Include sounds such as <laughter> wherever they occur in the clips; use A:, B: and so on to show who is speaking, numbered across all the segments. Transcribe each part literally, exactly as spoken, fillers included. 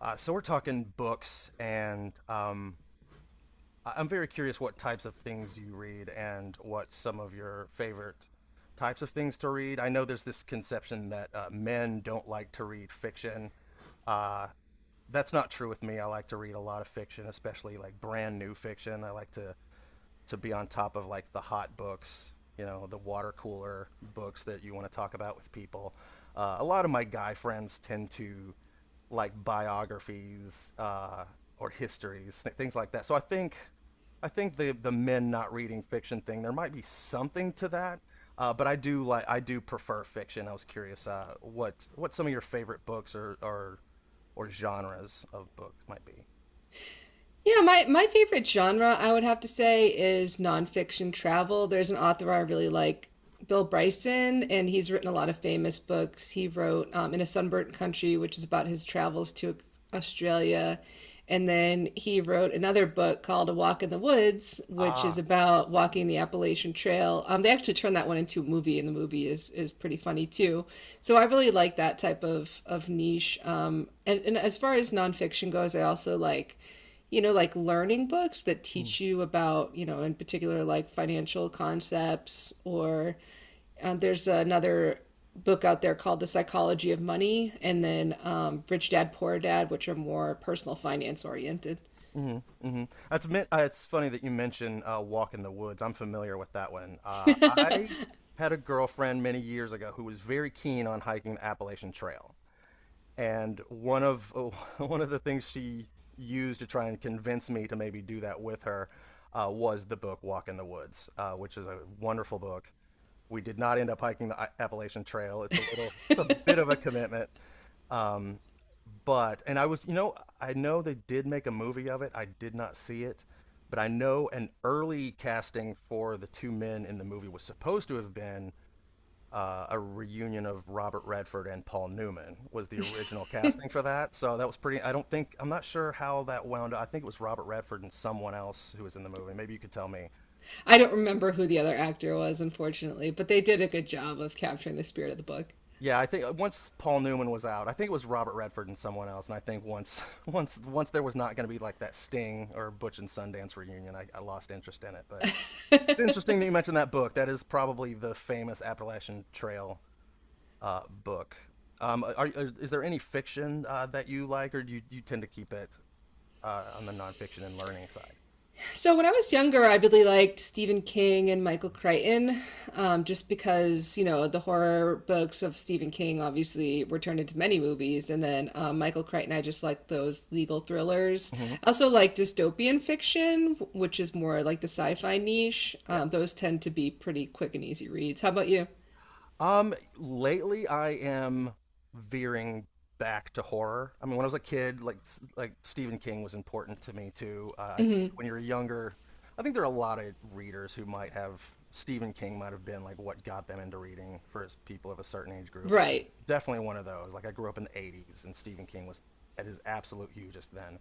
A: Uh, so we're talking books, and um, I am very curious what types of things you read and what some of your favorite types of things to read. I know there's this conception that uh, men don't like to read fiction. Uh, that's not true with me. I like to read a lot of fiction, especially like brand new fiction. I like to to be on top of like the hot books, you know, the water cooler books that you want to talk about with people. Uh, a lot of my guy friends tend to like biographies, uh, or histories, th- things like that. So I think I think the the men not reading fiction thing, there might be something to that. Uh, but I do like I do prefer fiction. I was curious uh, what what some of your favorite books or or, or genres of books might be.
B: Yeah, my my favorite genre, I would have to say, is nonfiction travel. There's an author I really like, Bill Bryson, and he's written a lot of famous books. He wrote um, In a Sunburnt Country, which is about his travels to Australia. And then he wrote another book called A Walk in the Woods, which is
A: Ah.
B: about walking the Appalachian Trail. Um, they actually turned that one into a movie, and the movie is is pretty funny too. So I really like that type of of niche. Um, and, and as far as nonfiction goes, I also like you know, like learning books that
A: hmm
B: teach you about, you know, in particular, like financial concepts, or uh, there's another book out there called The Psychology of Money, and then um, Rich Dad Poor Dad, which are more personal finance oriented. <laughs>
A: hmm That's men- uh, it's funny that you mention uh, Walk in the Woods. I'm familiar with that one. Uh, I had a girlfriend many years ago who was very keen on hiking the Appalachian Trail. And one of <laughs> one of the things she used to try and convince me to maybe do that with her uh, was the book Walk in the Woods, uh, which is a wonderful book. We did not end up hiking the uh, Appalachian Trail. It's a little, it's a bit of a commitment. Um, but and I was, you know, I know they did make a movie of it. I did not see it, but I know an early casting for the two men in the movie was supposed to have been uh, a reunion of Robert Redford and Paul Newman was the original casting for that. So that was pretty. I don't think. I'm not sure how that wound up. I think it was Robert Redford and someone else who was in the movie. Maybe you could tell me.
B: I don't remember who the other actor was, unfortunately, but they did a good job of capturing the spirit of the
A: Yeah, I think uh, once Paul Newman was out, I think it was Robert Redford and someone else. And I think once <laughs> once once there was not going to be like that Sting or Butch and Sundance reunion. I, I lost interest in it. But
B: book.
A: it's
B: <laughs>
A: interesting that you mentioned that book. That is probably the famous Appalachian Trail uh, book. Um, are, is there any fiction uh, that you like, or do you, you tend to keep it uh, on the nonfiction and learning side?
B: So when I was younger, I really liked Stephen King and Michael Crichton, um, just because, you know, the horror books of Stephen King obviously were turned into many movies, and then um, Michael Crichton, I just like those legal thrillers.
A: Hmm.
B: I also like dystopian fiction, which is more like the sci-fi niche.
A: Yeah.
B: Um, those tend to be pretty quick and easy reads. How about you?
A: Um, lately I am veering back to horror. I mean, when I was a kid, like like Stephen King was important to me too. Uh, I think
B: Hmm.
A: when you're younger, I think there are a lot of readers who might have Stephen King might have been like what got them into reading for people of a certain age group. I'm
B: Right.
A: definitely one of those. Like I grew up in the eighties and Stephen King was at his absolute hugest then.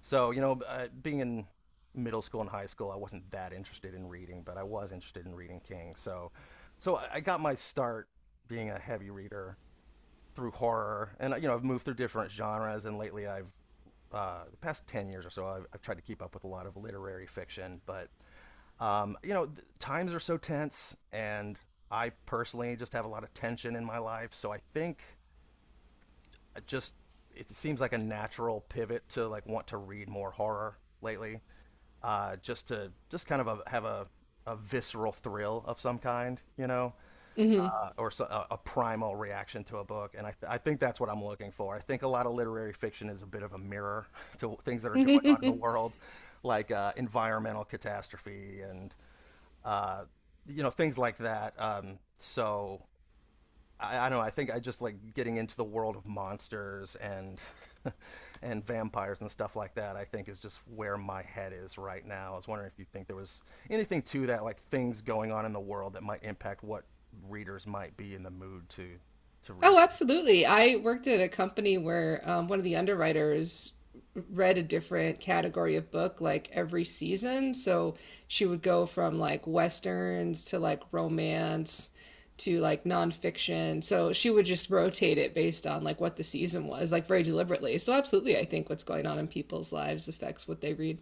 A: So, you know, uh, being in middle school and high school, I wasn't that interested in reading, but I was interested in reading King. So, so I I got my start being a heavy reader through horror. And you know, I've moved through different genres, and lately I've uh, the past ten years or so, I've, I've tried to keep up with a lot of literary fiction. But um, you know, th- times are so tense, and I personally just have a lot of tension in my life. So I think I just it seems like a natural pivot to like want to read more horror lately, uh, just to just kind of a, have a, a visceral thrill of some kind, you know,
B: Hmm.
A: uh, or so, a, a primal reaction to a book. And I, th- I think that's what I'm looking for. I think a lot of literary fiction is a bit of a mirror <laughs> to things that are going on in the
B: <laughs>
A: world, like uh, environmental catastrophe and, uh, you know, things like that. Um, so I, I don't know. I think I just like getting into the world of monsters and <laughs> and vampires and stuff like that. I think is just where my head is right now. I was wondering if you think there was anything to that, like things going on in the world that might impact what readers might be in the mood to to read.
B: Oh, absolutely. I worked at a company where um, one of the underwriters read a different category of book like every season. So she would go from like westerns to like romance to like nonfiction. So she would just rotate it based on like what the season was, like very deliberately. So absolutely, I think what's going on in people's lives affects what they read.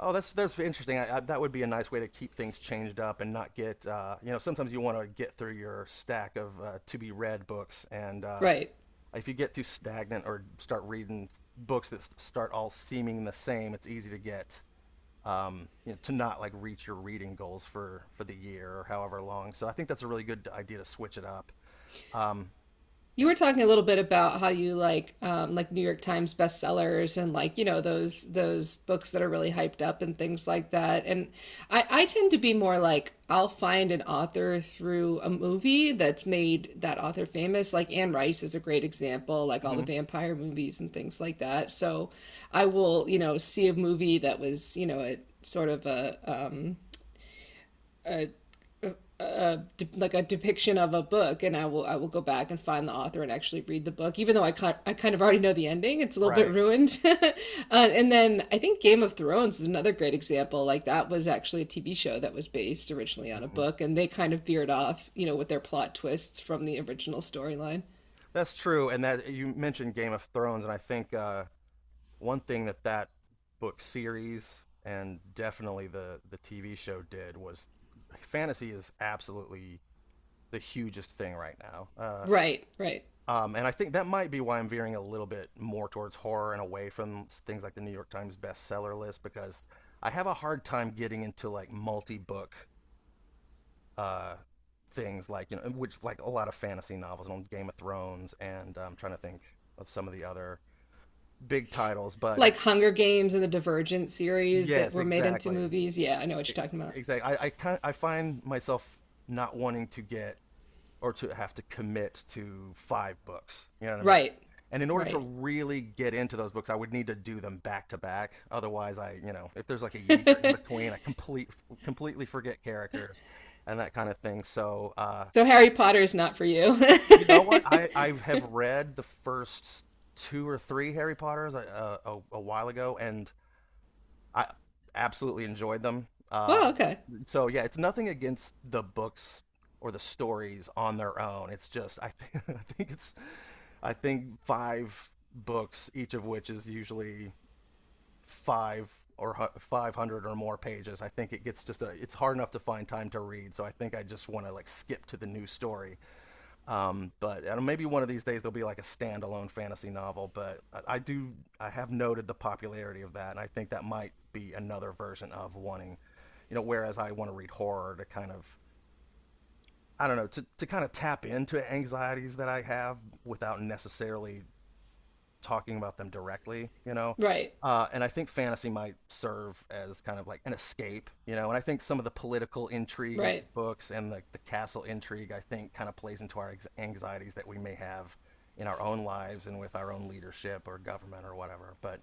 A: Oh, that's that's interesting. I, I, that would be a nice way to keep things changed up and not get uh, you know. Sometimes you want to get through your stack of uh, to be read books and uh,
B: Right.
A: if you get too stagnant or start reading books that start all seeming the same, it's easy to get um, you know, to not like reach your reading goals for for the year or however long. So I think that's a really good idea to switch it up. Um,
B: You
A: yeah.
B: were talking a little bit about how you like um, like New York Times bestsellers and like you know those those books that are really hyped up and things like that. And I I tend to be more like I'll find an author through a movie that's made that author famous. Like Anne Rice is a great example, like all the
A: Hmm.
B: vampire movies and things like that. So I will, you know, see a movie that was, you know, a sort of a um a a like a depiction of a book, and I will I will go back and find the author and actually read the book, even though I kind I kind of already know the ending. It's a little bit
A: Right.
B: ruined. <laughs> Uh, and then I think Game of Thrones is another great example. Like that was actually a T V show that was based originally on a
A: Hmm.
B: book, and they kind of veered off, you know, with their plot twists from the original storyline.
A: That's true. And that you mentioned Game of Thrones, and I think uh, one thing that that book series and definitely the the T V show did was fantasy is absolutely the hugest thing right now. Uh,
B: Right, right.
A: Um, and I think that might be why I'm veering a little bit more towards horror and away from things like the New York Times bestseller list, because I have a hard time getting into like multi-book uh, things like, you know which, like, a lot of fantasy novels and Game of Thrones. And I'm trying to think of some of the other big titles, but it...
B: Like Hunger Games and the Divergent series that
A: Yes,
B: were made into
A: exactly.
B: movies, yeah, I know what
A: E-
B: you're talking about.
A: exactly. I I, kind I find myself not wanting to get or to have to commit to five books. You know what I mean?
B: Right,
A: And in order to
B: right.
A: really get into those books, I would need to do them back to back. Otherwise, I, you know, if there's like a year in between, I
B: <laughs>
A: complete completely forget characters and that kind of thing. So, uh,
B: So Harry Potter is not for you.
A: you know
B: <laughs>
A: what? I I have read the first two or three Harry Potters uh, a, a while ago, and I absolutely enjoyed them. Uh,
B: Well, okay.
A: so yeah, it's nothing against the books or the stories on their own. It's just I think <laughs> I think it's I think five books, each of which is usually five or five hundred or more pages. I think it gets just a it's hard enough to find time to read. So I think I just want to like skip to the new story. Um, but I maybe one of these days there'll be like a standalone fantasy novel. But I, I do, I have noted the popularity of that, and I think that might be another version of wanting, you know, whereas I want to read horror to kind of, I don't know, to, to kind of tap into anxieties that I have without necessarily talking about them directly, you know.
B: Right.
A: Uh, and I think fantasy might serve as kind of like an escape, you know. And I think some of the political intrigue in
B: Right.
A: books and the, the castle intrigue, I think, kind of plays into our ex- anxieties that we may have in our own lives and with our own leadership or government or whatever. But,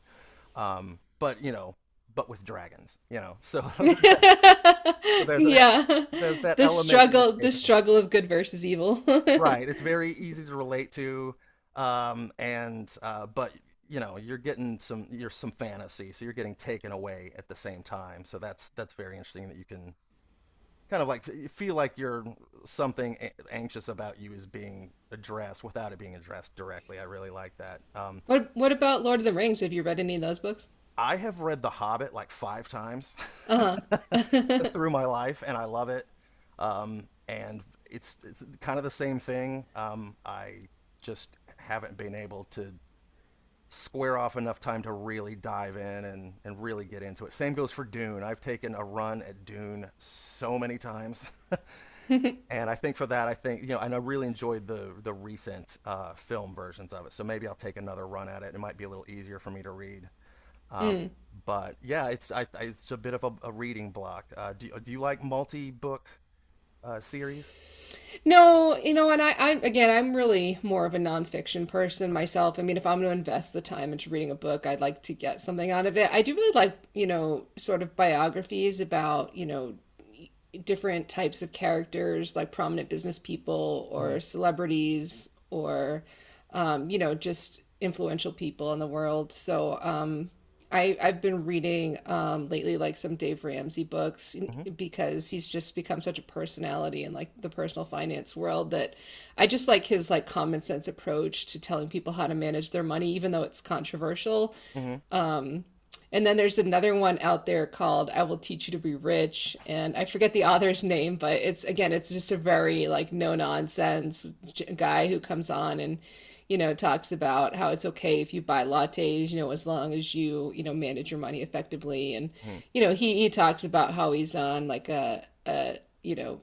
A: um, but you know, but with dragons, you know. So <laughs>
B: <laughs>
A: there's that.
B: Yeah.
A: So there's that. There's that
B: The
A: element of
B: struggle the
A: escaping.
B: struggle of good versus evil.
A: Right.
B: <laughs>
A: It's very easy to relate to, um, and uh, but you know you're getting some, you're some fantasy, so you're getting taken away at the same time. So that's that's very interesting that you can kind of like f- feel like you're something a- anxious about you is being addressed without it being addressed directly. I really like that. Um,
B: what what about Lord of the Rings? Have you read any of those books?
A: I have read The Hobbit like five times
B: Uh-huh.
A: <laughs>
B: <laughs>
A: through my life, and I love it. Um, and it's it's kind of the same thing. Um, I just haven't been able to square off enough time to really dive in and, and really get into it. Same goes for Dune. I've taken a run at Dune so many times. <laughs> And I think for that, I think, you know, and I really enjoyed the the recent uh, film versions of it. So maybe I'll take another run at it. It might be a little easier for me to read. Um,
B: Mm.
A: but yeah, it's I, I, it's a bit of a, a reading block. Uh, do do you like multi book uh, series?
B: No, you know, and I, I again, I'm really more of a nonfiction person
A: Right.
B: myself. I mean, if I'm going to invest the time into reading a book, I'd like to get something out of it. I do really like, you know, sort of biographies about, you know, different types of characters, like prominent business people
A: Mm-hmm.
B: or celebrities or, um, you know, just influential people in the world. So, um, I I've been reading um lately like some Dave Ramsey books,
A: Mm-hmm.
B: because he's just become such a personality in like the personal finance world that I just like his like common sense approach to telling people how to manage their money, even though it's controversial.
A: Mm-hmm.
B: um, and then there's another one out there called I Will Teach You to Be Rich. And I forget the author's <laughs> name, but it's again, it's just a very like no nonsense guy who comes on and, you know, talks about how it's okay if you buy lattes, you know, as long as you, you know, manage your money effectively. And,
A: Hmm.
B: you know, he, he talks about how he's on like a, a, you know,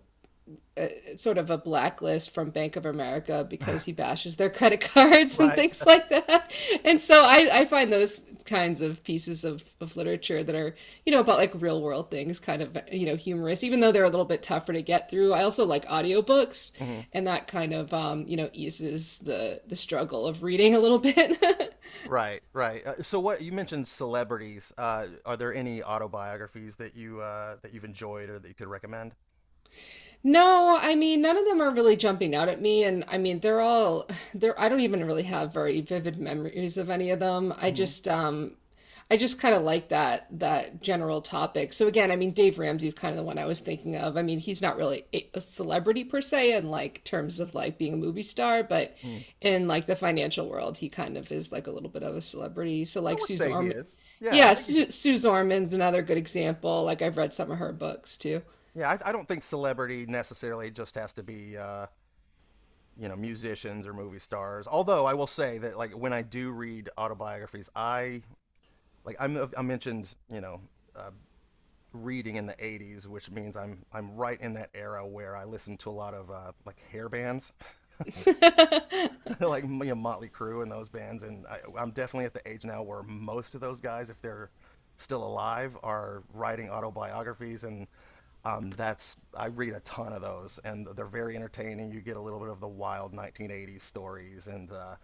B: a, sort of a blacklist from Bank of America because he bashes their <laughs> credit cards and
A: Right.
B: things like that. And so I, I find those kinds of pieces of, of literature that are, you know, about like real world things, kind of, you know, humorous, even though they're a little bit tougher to get through. I also like audiobooks,
A: Hmm.
B: and that kind of, um, you know, eases the, the struggle of reading a little bit. <laughs>
A: Right. Right. Uh, so what you mentioned celebrities. Uh, are there any autobiographies that you uh, that you've enjoyed or that you could recommend?
B: No, I mean, none of them are really jumping out at me. And I mean, they're all they're I don't even really have very vivid memories of any of them. I
A: hmm
B: just um I just kind of like that that general topic. So again, I mean, Dave Ramsey's kind of the one I was thinking of. I mean, he's not really a a celebrity per se in like terms of like being a movie star, but
A: hmm
B: in like the financial world, he kind of is like a little bit of a celebrity. So
A: I
B: like
A: would
B: Suze
A: say he
B: Orman,
A: is. Yeah, I
B: yeah,
A: think he's.
B: Su Suze Orman's another good example. Like I've read some of her books too.
A: Yeah, I, I don't think celebrity necessarily just has to be uh, you know, musicians or movie stars. Although I will say that, like, when I do read autobiographies, I like I'm, I mentioned, you know, uh, reading in the eighties, which means I'm I'm right in that era where I listened to a lot of uh, like hair bands, <laughs> like you know, Motley Crue and those bands. And I, I'm definitely at the age now where most of those guys, if they're still alive, are writing autobiographies. And um, that's I read a ton of those, and they're very entertaining. You get a little bit of the wild nineteen eighties stories. And uh,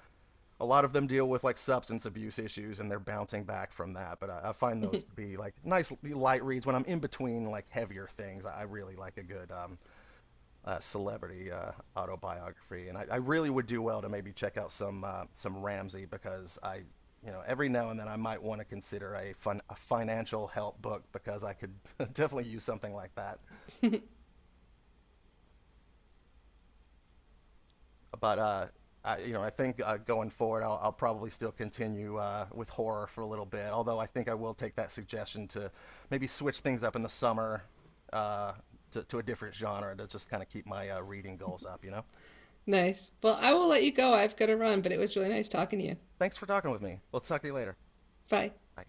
A: a lot of them deal with like substance abuse issues, and they're bouncing back from that. But i, I find those to be like nice light reads when I'm in between like heavier things. I really like a good um, uh, celebrity uh, autobiography. And I, I, really would do well to maybe check out some uh, some Ramsey, because I, you know every now and then I might want to consider a fun a financial help book, because I could <laughs> definitely use something like that.
B: <laughs>
A: But uh, I, you know, I think uh, going forward, I'll, I'll probably still continue uh, with horror for a little bit. Although I think I will take that suggestion to maybe switch things up in the summer, uh, to to a different genre, to just kind of keep my uh, reading goals up. You know.
B: Nice. Well, I will let you go. I've got to run, but it was really nice talking to you.
A: Thanks for talking with me. We'll talk to you later.
B: Bye.
A: Bye.